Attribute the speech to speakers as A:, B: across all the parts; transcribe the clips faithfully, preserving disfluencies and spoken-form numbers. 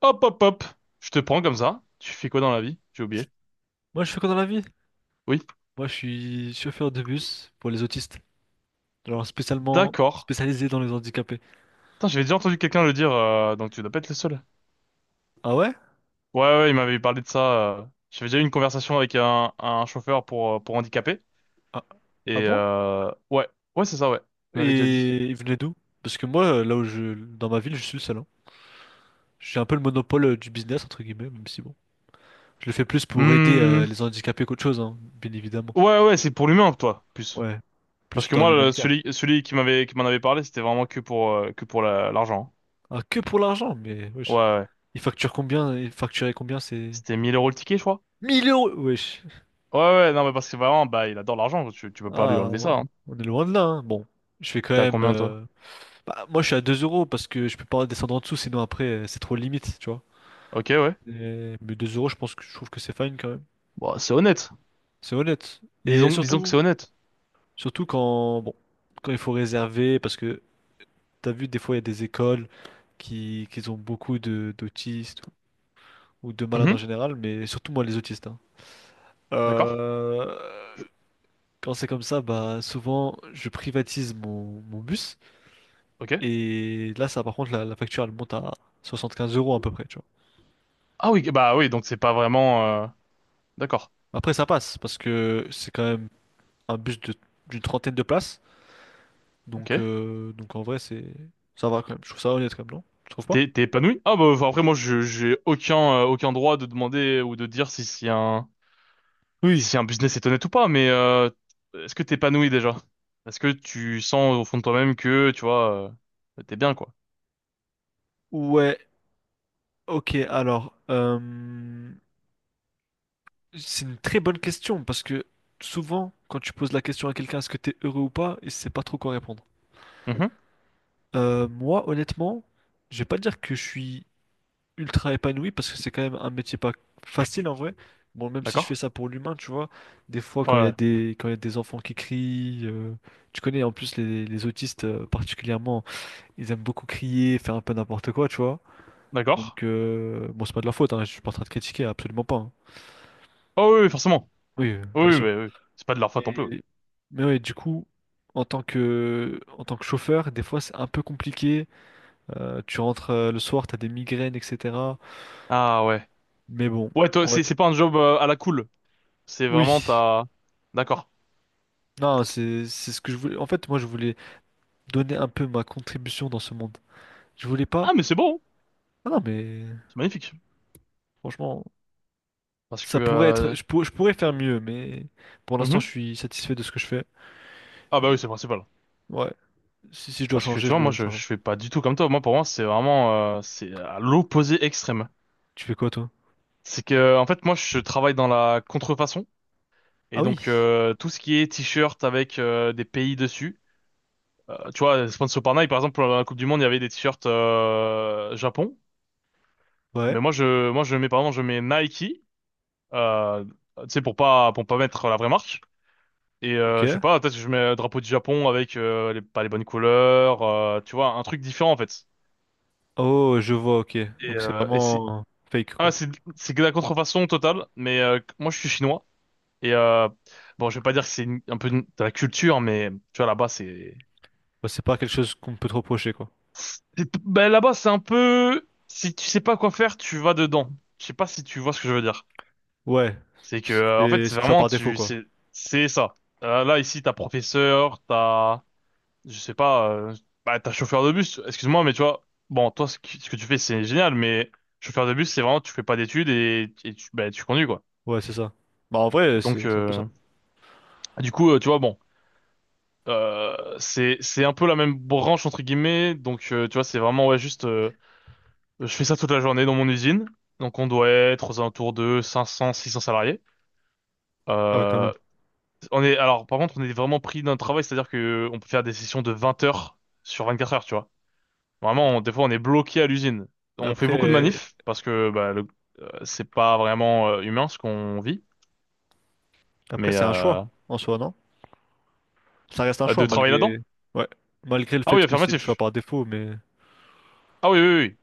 A: Hop, hop, hop. Je te prends comme ça. Tu fais quoi dans la vie? J'ai oublié.
B: Moi, je fais quoi dans la vie?
A: Oui,
B: Moi, je suis chauffeur de bus pour les autistes. Alors, spécialement
A: d'accord.
B: spécialisé dans les handicapés.
A: Putain, j'avais déjà entendu quelqu'un le dire, euh, donc tu dois pas être le seul.
B: Ah ouais?
A: Ouais, ouais, il m'avait parlé de ça. euh. J'avais déjà eu une conversation avec un, un chauffeur pour, euh, pour handicapés.
B: Ah, ah
A: Et
B: bon?
A: euh, ouais, ouais, c'est ça, ouais. Il m'avait déjà dit.
B: Et ils venaient d'où? Parce que moi, là où je, dans ma ville, je suis le seul, hein. J'ai un peu le monopole euh, du business, entre guillemets, même si bon. Je le fais plus pour aider euh,
A: Hmm.
B: les handicapés qu'autre chose, hein, bien évidemment.
A: Ouais, ouais, c'est pour l'humain, toi, plus.
B: Ouais,
A: Parce
B: plus
A: que
B: dans
A: moi, le-
B: l'humanitaire.
A: celui, celui qui m'avait, qui m'en avait parlé, c'était vraiment que pour, euh, que pour la- l'argent.
B: Ah, que pour l'argent, mais
A: Hein. Ouais,
B: wesh.
A: ouais.
B: Ils facturent combien? Ils facturaient combien? C'est
A: C'était mille euros le ticket, je crois.
B: Mille euros, wesh.
A: Ouais, ouais, non, mais parce que vraiment, bah, il adore l'argent. Tu, tu peux pas lui
B: Ah,
A: enlever ça. Hein.
B: on est loin de là, hein. Bon, je fais quand
A: T'es à
B: même.
A: combien, toi?
B: euh, Bah, moi, je suis à deux euros parce que je peux pas descendre en dessous, sinon après, euh, c'est trop limite, tu vois.
A: Ok, ouais.
B: Et- mais deux euros, je pense que je trouve que c'est fine quand même.
A: Bon, c'est honnête.
B: C'est honnête. Et
A: Disons, disons que c'est
B: surtout,
A: honnête.
B: surtout quand, bon, quand il faut réserver, parce que t'as vu, des fois, il y a des écoles qui, qui ont beaucoup de d'autistes ou de malades en
A: Mhm.
B: général, mais surtout moi, les autistes, hein.
A: D'accord.
B: Euh, quand c'est comme ça, bah, souvent, je privatise mon, mon bus.
A: Ok.
B: Et là, ça, par contre, la, la facture, elle monte à soixante quinze euros à peu près, tu
A: Ah oui, bah oui, donc c'est pas vraiment. euh, D'accord.
B: Après, ça passe parce que c'est quand même un bus de d'une trentaine de places.
A: Ok.
B: Donc, euh, donc en vrai, c'est ça va quand même. Je trouve ça honnête quand même, non? Tu trouves pas?
A: T'es t'es épanoui? Ah bah enfin, après moi je j'ai aucun euh, aucun droit de demander ou de dire si si un
B: Oui.
A: si un business est honnête ou pas. Mais euh, est-ce que t'es épanoui déjà? Est-ce que tu sens au fond de toi-même que tu vois, euh, t'es bien quoi?
B: Ouais, ok. Alors, euh, c'est une très bonne question parce que souvent, quand tu poses la question à quelqu'un, est-ce que t'es heureux ou pas, il sait pas trop quoi répondre.
A: Mhm.
B: Euh, moi, honnêtement, je vais pas dire que je suis ultra épanoui parce que c'est quand même un métier pas facile en vrai. Bon, même si je fais
A: D'accord.
B: ça pour l'humain, tu vois, des fois
A: Ouais.
B: quand il y a
A: Ouais.
B: des quand il y a des enfants qui crient, euh, tu connais en plus les, les autistes euh, particulièrement, ils aiment beaucoup crier, faire un peu n'importe quoi, tu vois.
A: D'accord.
B: Donc euh, bon, c'est pas de leur faute, hein, je suis pas en train de critiquer, absolument pas, hein.
A: Oh oui, oui, forcément.
B: Oui, euh,
A: Oui,
B: bien
A: oui,
B: sûr.
A: bah oui. C'est pas de leur faute non plus. Oui.
B: Mais mais ouais, du coup, en tant que en tant que chauffeur, des fois c'est un peu compliqué. Euh, tu rentres euh, le soir, t'as des migraines, et cetera.
A: Ah ouais.
B: Mais bon,
A: Ouais, toi
B: on va-
A: c'est c'est pas un job, euh, à la cool. C'est
B: oui.
A: vraiment ta. D'accord.
B: Non, c'est c'est ce que je voulais. En fait, moi, je voulais donner un peu ma contribution dans ce monde. Je voulais pas.
A: Ah, mais c'est beau, hein.
B: Ah non, mais
A: C'est magnifique.
B: franchement,
A: Parce que.
B: ça pourrait être.
A: Euh,
B: Je pour- je pourrais faire mieux, mais pour l'instant, je
A: mhm.
B: suis satisfait de ce que je fais.
A: Ah bah
B: Et
A: oui, c'est le principal.
B: Ouais. Si, si je dois
A: Parce que
B: changer,
A: tu
B: je
A: vois, moi,
B: le
A: je,
B: changerai.
A: je fais pas du tout comme toi. Moi, pour moi, c'est vraiment, euh, c'est à l'opposé extrême.
B: Tu fais quoi, toi?
A: C'est que, en fait, moi, je travaille dans la contrefaçon.
B: Ah
A: Et
B: oui.
A: donc, euh, tout ce qui est t-shirt avec, euh, des pays dessus. Euh, tu vois, sponsor par Nike, par exemple, pour la Coupe du Monde, il y avait des t-shirts, euh, Japon.
B: Ouais.
A: Mais moi, je, moi, je mets, pardon, je mets Nike. Euh, Tu sais, pour pas, pour pas mettre la vraie marque. Et
B: Ok.
A: euh, je sais pas, peut-être que je mets un drapeau du Japon avec, euh, les, pas les bonnes couleurs, euh, tu vois, un truc différent en fait.
B: Oh, je vois. Ok.
A: Et,
B: Donc c'est
A: euh, et c'est
B: vraiment fake,
A: ah
B: quoi.
A: c'est c'est que la contrefaçon totale. Mais euh, moi je suis chinois et euh, bon je vais pas dire que c'est une- un peu une- de la culture, mais tu vois là-bas c'est
B: Ouais, c'est pas quelque chose qu'on peut te reprocher, quoi.
A: c'est- ben là-bas c'est un peu, si tu sais pas quoi faire tu vas dedans. Je sais pas si tu vois ce que je veux dire.
B: Ouais.
A: C'est que,
B: C'est
A: euh, en fait c'est
B: c'est le choix
A: vraiment
B: par défaut,
A: tu
B: quoi.
A: c'est c'est ça. Euh, là ici t'as professeur, t'as je sais pas, euh, bah, t'as chauffeur de bus, excuse-moi, mais tu vois, bon, toi, ce que, ce que tu fais, c'est génial, mais chauffeur de bus, c'est vraiment, tu fais pas d'études et, et tu, bah, tu conduis, quoi.
B: Ouais, c'est ça. Bah en vrai,
A: Donc,
B: c'est c'est un peu ça.
A: euh, du coup, euh, tu vois, bon, euh, c'est, c'est un peu la même branche, entre guillemets, donc, euh, tu vois, c'est vraiment, ouais, juste, euh, je fais ça toute la journée dans mon usine, donc on doit être aux alentours de cinq cents, six cents salariés.
B: Ah ouais, quand même.
A: Euh, on est, alors, par contre, on est vraiment pris d'un travail, c'est-à-dire que on peut faire des sessions de vingt heures sur vingt-quatre heures, tu vois. Vraiment, on- des fois, on est bloqué à l'usine.
B: Mais
A: On fait beaucoup de
B: après.
A: manifs parce que bah, le- euh, c'est pas vraiment, euh, humain ce qu'on vit,
B: Après,
A: mais
B: c'est un
A: euh,
B: choix en soi, non? Ça reste un choix
A: de travailler
B: malgré
A: là-dedans.
B: ouais, malgré le
A: Ah oui,
B: fait que c'est le choix
A: affirmatif.
B: par défaut, mais
A: Ah oui, oui, oui. Oui.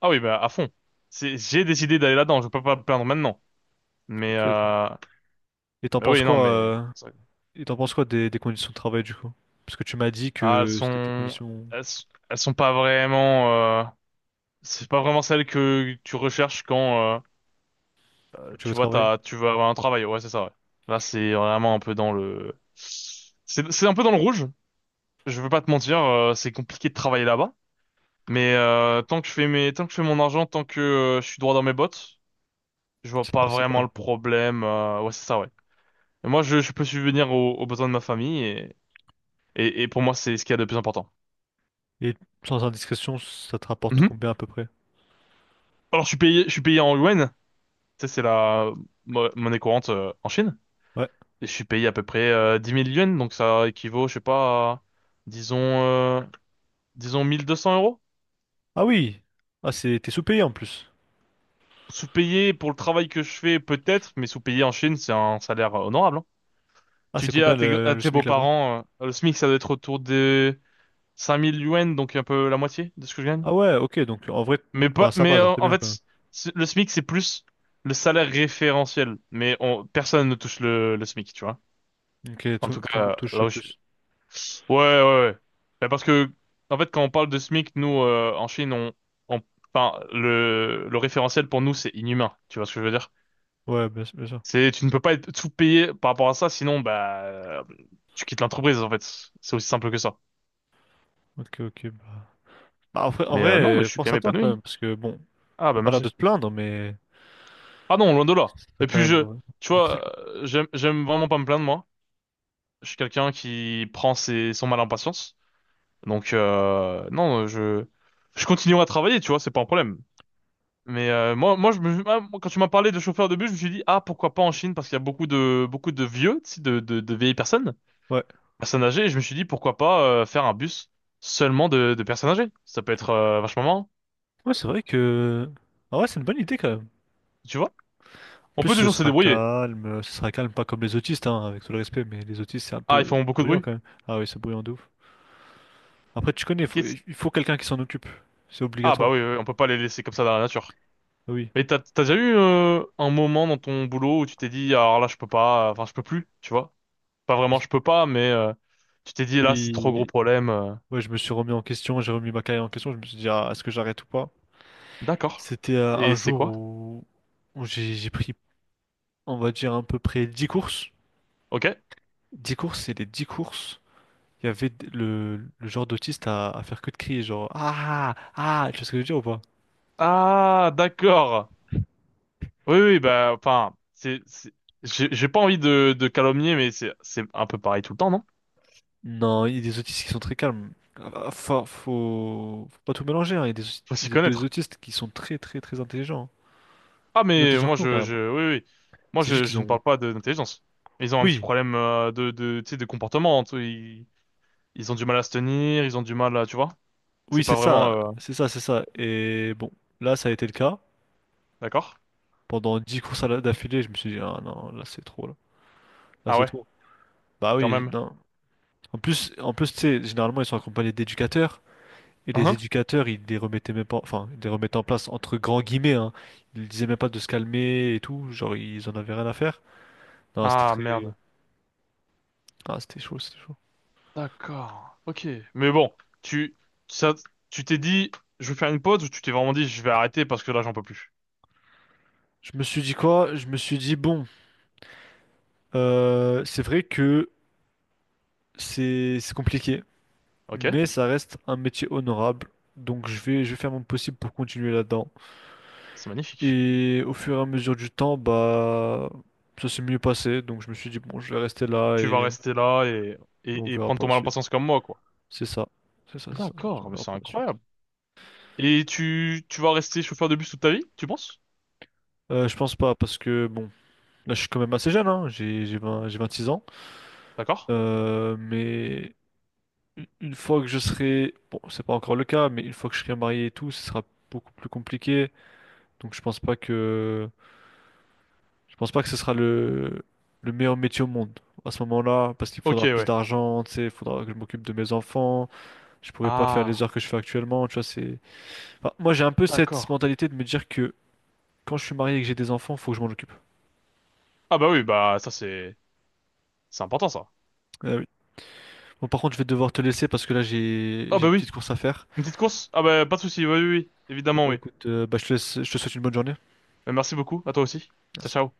A: Ah oui, bah à fond. C'est, j'ai décidé d'aller là-dedans. Je peux pas me plaindre maintenant. Mais,
B: ok, ok.
A: euh,
B: Et t'en
A: mais
B: penses
A: oui, non,
B: quoi
A: mais
B: euh, et t'en penses quoi des, des conditions de travail du coup? Parce que tu m'as dit
A: ah, elles
B: que c'était tes
A: sont,
B: conditions
A: elles, s- elles sont pas vraiment. euh, C'est pas vraiment celles que tu recherches quand,
B: où
A: euh,
B: tu veux
A: tu vois
B: travailler,
A: t'as, tu veux avoir un travail. Ouais, c'est ça. Ouais. Là, c'est vraiment un peu dans le. C'est c'est un peu dans le rouge. Je veux pas te mentir, euh, c'est compliqué de travailler là-bas. Mais euh, tant que je fais mes, tant que je fais mon argent, tant que euh, je suis droit dans mes bottes, je vois
B: c'est le
A: pas vraiment
B: principal.
A: le problème. Euh, ouais, c'est ça, ouais. Et moi, je, je peux subvenir aux, aux besoins de ma famille et, et, et pour moi, c'est ce qu'il y a de plus important.
B: Et sans indiscrétion, ça te rapporte
A: Mhm.
B: combien à peu près?
A: Alors, je suis payé, je suis payé en yuan. Tu sais, c'est la mo- monnaie courante, euh, en Chine.
B: Ouais.
A: Et je suis payé à peu près, euh, dix mille yuan, donc ça équivaut, je sais pas, à, disons, euh, disons mille deux cents euros.
B: Ah oui. Ah, c'est t'es sous-payé en plus.
A: Sous-payé pour le travail que je fais, peut-être, mais sous-payé en Chine, c'est un salaire, euh, honorable. Hein.
B: Ah,
A: Tu
B: c'est
A: dis à
B: combien
A: tes,
B: le,
A: à
B: le
A: tes
B: SMIC là-bas?
A: beaux-parents, euh, le SMIC, ça doit être autour des cinq mille yuan, donc un peu la moitié de ce que je gagne.
B: Ah ouais, ok, donc en vrai,
A: Mais
B: enfin
A: pas,
B: ça
A: mais
B: va, genre
A: euh,
B: t'es
A: en
B: bien quand même.
A: fait, c'est- le SMIC, c'est plus le salaire référentiel. Mais on, personne ne touche le, le SMIC, tu vois.
B: Ok,
A: En
B: tout,
A: tout
B: tout le monde
A: cas,
B: touche
A: là où je suis.
B: plus.
A: Ouais, ouais, ouais. Ben, parce que, en fait, quand on parle de SMIC, nous, euh, en Chine, on, on, enfin, le, le référentiel pour nous, c'est inhumain. Tu vois ce que je veux dire?
B: Ouais, bien, bien sûr.
A: C'est, tu ne peux pas être sous-payé par rapport à ça, sinon, bah, tu quittes l'entreprise, en fait. C'est aussi simple que ça.
B: Ok, ok, bah. Bah, en vrai, en
A: Mais euh,
B: vrai,
A: non, mais
B: euh,
A: je suis quand
B: pense à
A: même
B: toi quand
A: épanoui.
B: même, parce que bon,
A: Ah
B: t'as
A: bah
B: pas l'air
A: merci.
B: de te plaindre, mais
A: Ah non, loin de là.
B: c'est
A: Et
B: quand
A: puis
B: même
A: je,
B: euh,
A: tu
B: difficile,
A: vois,
B: quoi.
A: euh, j'aime j'aime vraiment pas me plaindre moi. Je suis quelqu'un qui prend ses son mal en patience. Donc euh, non, euh, je je continuerai à travailler, tu vois, c'est pas un problème. Mais euh, moi moi je me ah, moi, quand tu m'as parlé de chauffeur de bus, je me suis dit, ah, pourquoi pas en Chine, parce qu'il y a beaucoup de beaucoup de vieux, tu sais, de de, de vieilles personnes,
B: Ouais.
A: personnes âgées. Et je me suis dit pourquoi pas, euh, faire un bus seulement de de personnes âgées. Ça peut être, euh, vachement marrant,
B: Ouais, c'est vrai que. Ah ouais, c'est une bonne idée quand même.
A: tu vois.
B: En
A: On
B: plus,
A: peut
B: ce
A: toujours se
B: sera
A: débrouiller.
B: calme, euh, ce sera calme, pas comme les autistes, hein, avec tout le respect, mais les autistes, c'est un
A: Ah ils
B: peu
A: font beaucoup de
B: bruyant
A: bruit.
B: quand même. Ah oui, c'est bruyant de ouf. Après, tu connais, faut- il faut quelqu'un qui s'en occupe. C'est
A: Ah bah
B: obligatoire.
A: oui, oui, oui, on peut pas les laisser comme ça dans la nature.
B: Ah, oui.
A: Mais t'as t'as déjà eu, euh, un moment dans ton boulot où tu t'es dit, ah, alors là je peux pas, enfin je peux plus, tu vois? Pas vraiment
B: Oui.
A: je peux pas, mais euh, tu t'es dit là c'est trop gros
B: Oui.
A: problème. euh.
B: Ouais, je me suis remis en question, j'ai remis ma carrière en question, je me suis dit, ah, est-ce que j'arrête ou pas?
A: D'accord.
B: C'était euh, un
A: Et c'est
B: jour
A: quoi?
B: où, où j'ai j'ai pris, on va dire, à peu près dix courses.
A: Ok.
B: Dix courses, et les dix courses, il y avait d- le, le genre d'autiste à, à faire que de crier, genre Ah! Ah! Tu vois ce que je veux dire ou pas?
A: Ah d'accord. Oui oui
B: Bah,
A: bah enfin c'est c'est- j'ai j'ai pas envie de de calomnier, mais c'est c'est un peu pareil tout le temps non?
B: non, il y a des autistes qui sont très calmes. Ah, Faut, faut, faut pas tout mélanger, hein. Il y a des, aus-
A: Faut s'y
B: des- des
A: connaître.
B: autistes qui sont très très très intelligents, hein.
A: Ah
B: Plus
A: mais
B: intelligents
A: moi
B: que nous,
A: je
B: carrément.
A: je oui, oui, moi
B: C'est juste
A: je
B: qu'ils
A: je ne
B: ont.
A: parle pas de- d'intelligence. Ils ont un petit
B: Oui,
A: problème, euh, de de tu sais, de comportement. Tu Ils ont du mal à se tenir, ils ont du mal à, tu vois?
B: oui,
A: C'est pas
B: c'est
A: vraiment,
B: ça,
A: euh,
B: c'est ça, c'est ça. Et bon, là, ça a été le cas.
A: d'accord?
B: Pendant dix courses à la- d'affilée, je me suis dit, ah non, là, c'est trop, là. Là,
A: Ah
B: c'est
A: ouais,
B: trop. Bah
A: quand
B: oui,
A: même.
B: non. En plus, en plus, tu sais, généralement, ils sont accompagnés d'éducateurs. Et les
A: Hein.
B: éducateurs, ils les remettaient même pas, enfin, ils les remettaient en place entre grands guillemets, hein. Ils disaient même pas de se calmer et tout, genre ils en avaient rien à faire. Non, c'était
A: Ah
B: très,
A: merde.
B: ah, c'était chaud, c'était chaud.
A: D'accord. Ok. Mais bon, tu, ça, tu t'es dit, je vais faire une pause ou tu t'es vraiment dit, je vais arrêter parce que là, j'en peux plus.
B: Je me suis dit quoi? Je me suis dit bon, euh, c'est vrai que c'est c'est compliqué,
A: Ok?
B: mais ça reste un métier honorable, donc je vais je vais faire mon possible pour continuer là-dedans.
A: C'est magnifique.
B: Et au fur et à mesure du temps, bah ça s'est mieux passé, donc je me suis dit bon, je vais rester là
A: Tu vas
B: et
A: rester là et,
B: on
A: et, et
B: verra
A: prendre
B: pour
A: ton
B: la
A: mal en
B: suite.
A: patience comme moi, quoi.
B: C'est ça, c'est ça, c'est ça. Je me suis dit,
A: D'accord,
B: on
A: mais
B: verra
A: c'est
B: pour la suite.
A: incroyable. Et tu, tu vas rester chauffeur de bus toute ta vie, tu penses?
B: Euh, je pense pas, parce que bon, là je suis quand même assez jeune, hein, j'ai j'ai vingt j'ai vingt-six ans.
A: D'accord?
B: Euh, mais u- une fois que je serai, bon, c'est pas encore le cas, mais une fois que je serai marié et tout, ce sera beaucoup plus compliqué. Donc je pense pas que je pense pas que ce sera le le meilleur métier au monde à ce moment-là, parce qu'il
A: Ok,
B: faudra plus
A: ouais.
B: d'argent, tu sais, il faudra que je m'occupe de mes enfants. Je pourrai pas faire les
A: Ah,
B: heures que je fais actuellement, tu vois. C'est, enfin, moi j'ai un peu cette
A: d'accord.
B: mentalité de me dire que quand je suis marié et que j'ai des enfants, faut que je m'en occupe.
A: Ah bah oui, bah ça c'est, c'est important ça.
B: Euh, Bon, par contre, je vais devoir te laisser parce que là, j'ai
A: Ah
B: j'ai une
A: bah
B: petite
A: oui.
B: course à faire.
A: Une petite course? Ah bah pas de souci, oui, oui, oui,
B: Y
A: évidemment,
B: Bah
A: oui.
B: écoute, euh, bah, je te laisse, je te souhaite une bonne journée.
A: Euh, Merci beaucoup, à toi aussi. Ciao,
B: Merci.
A: ciao.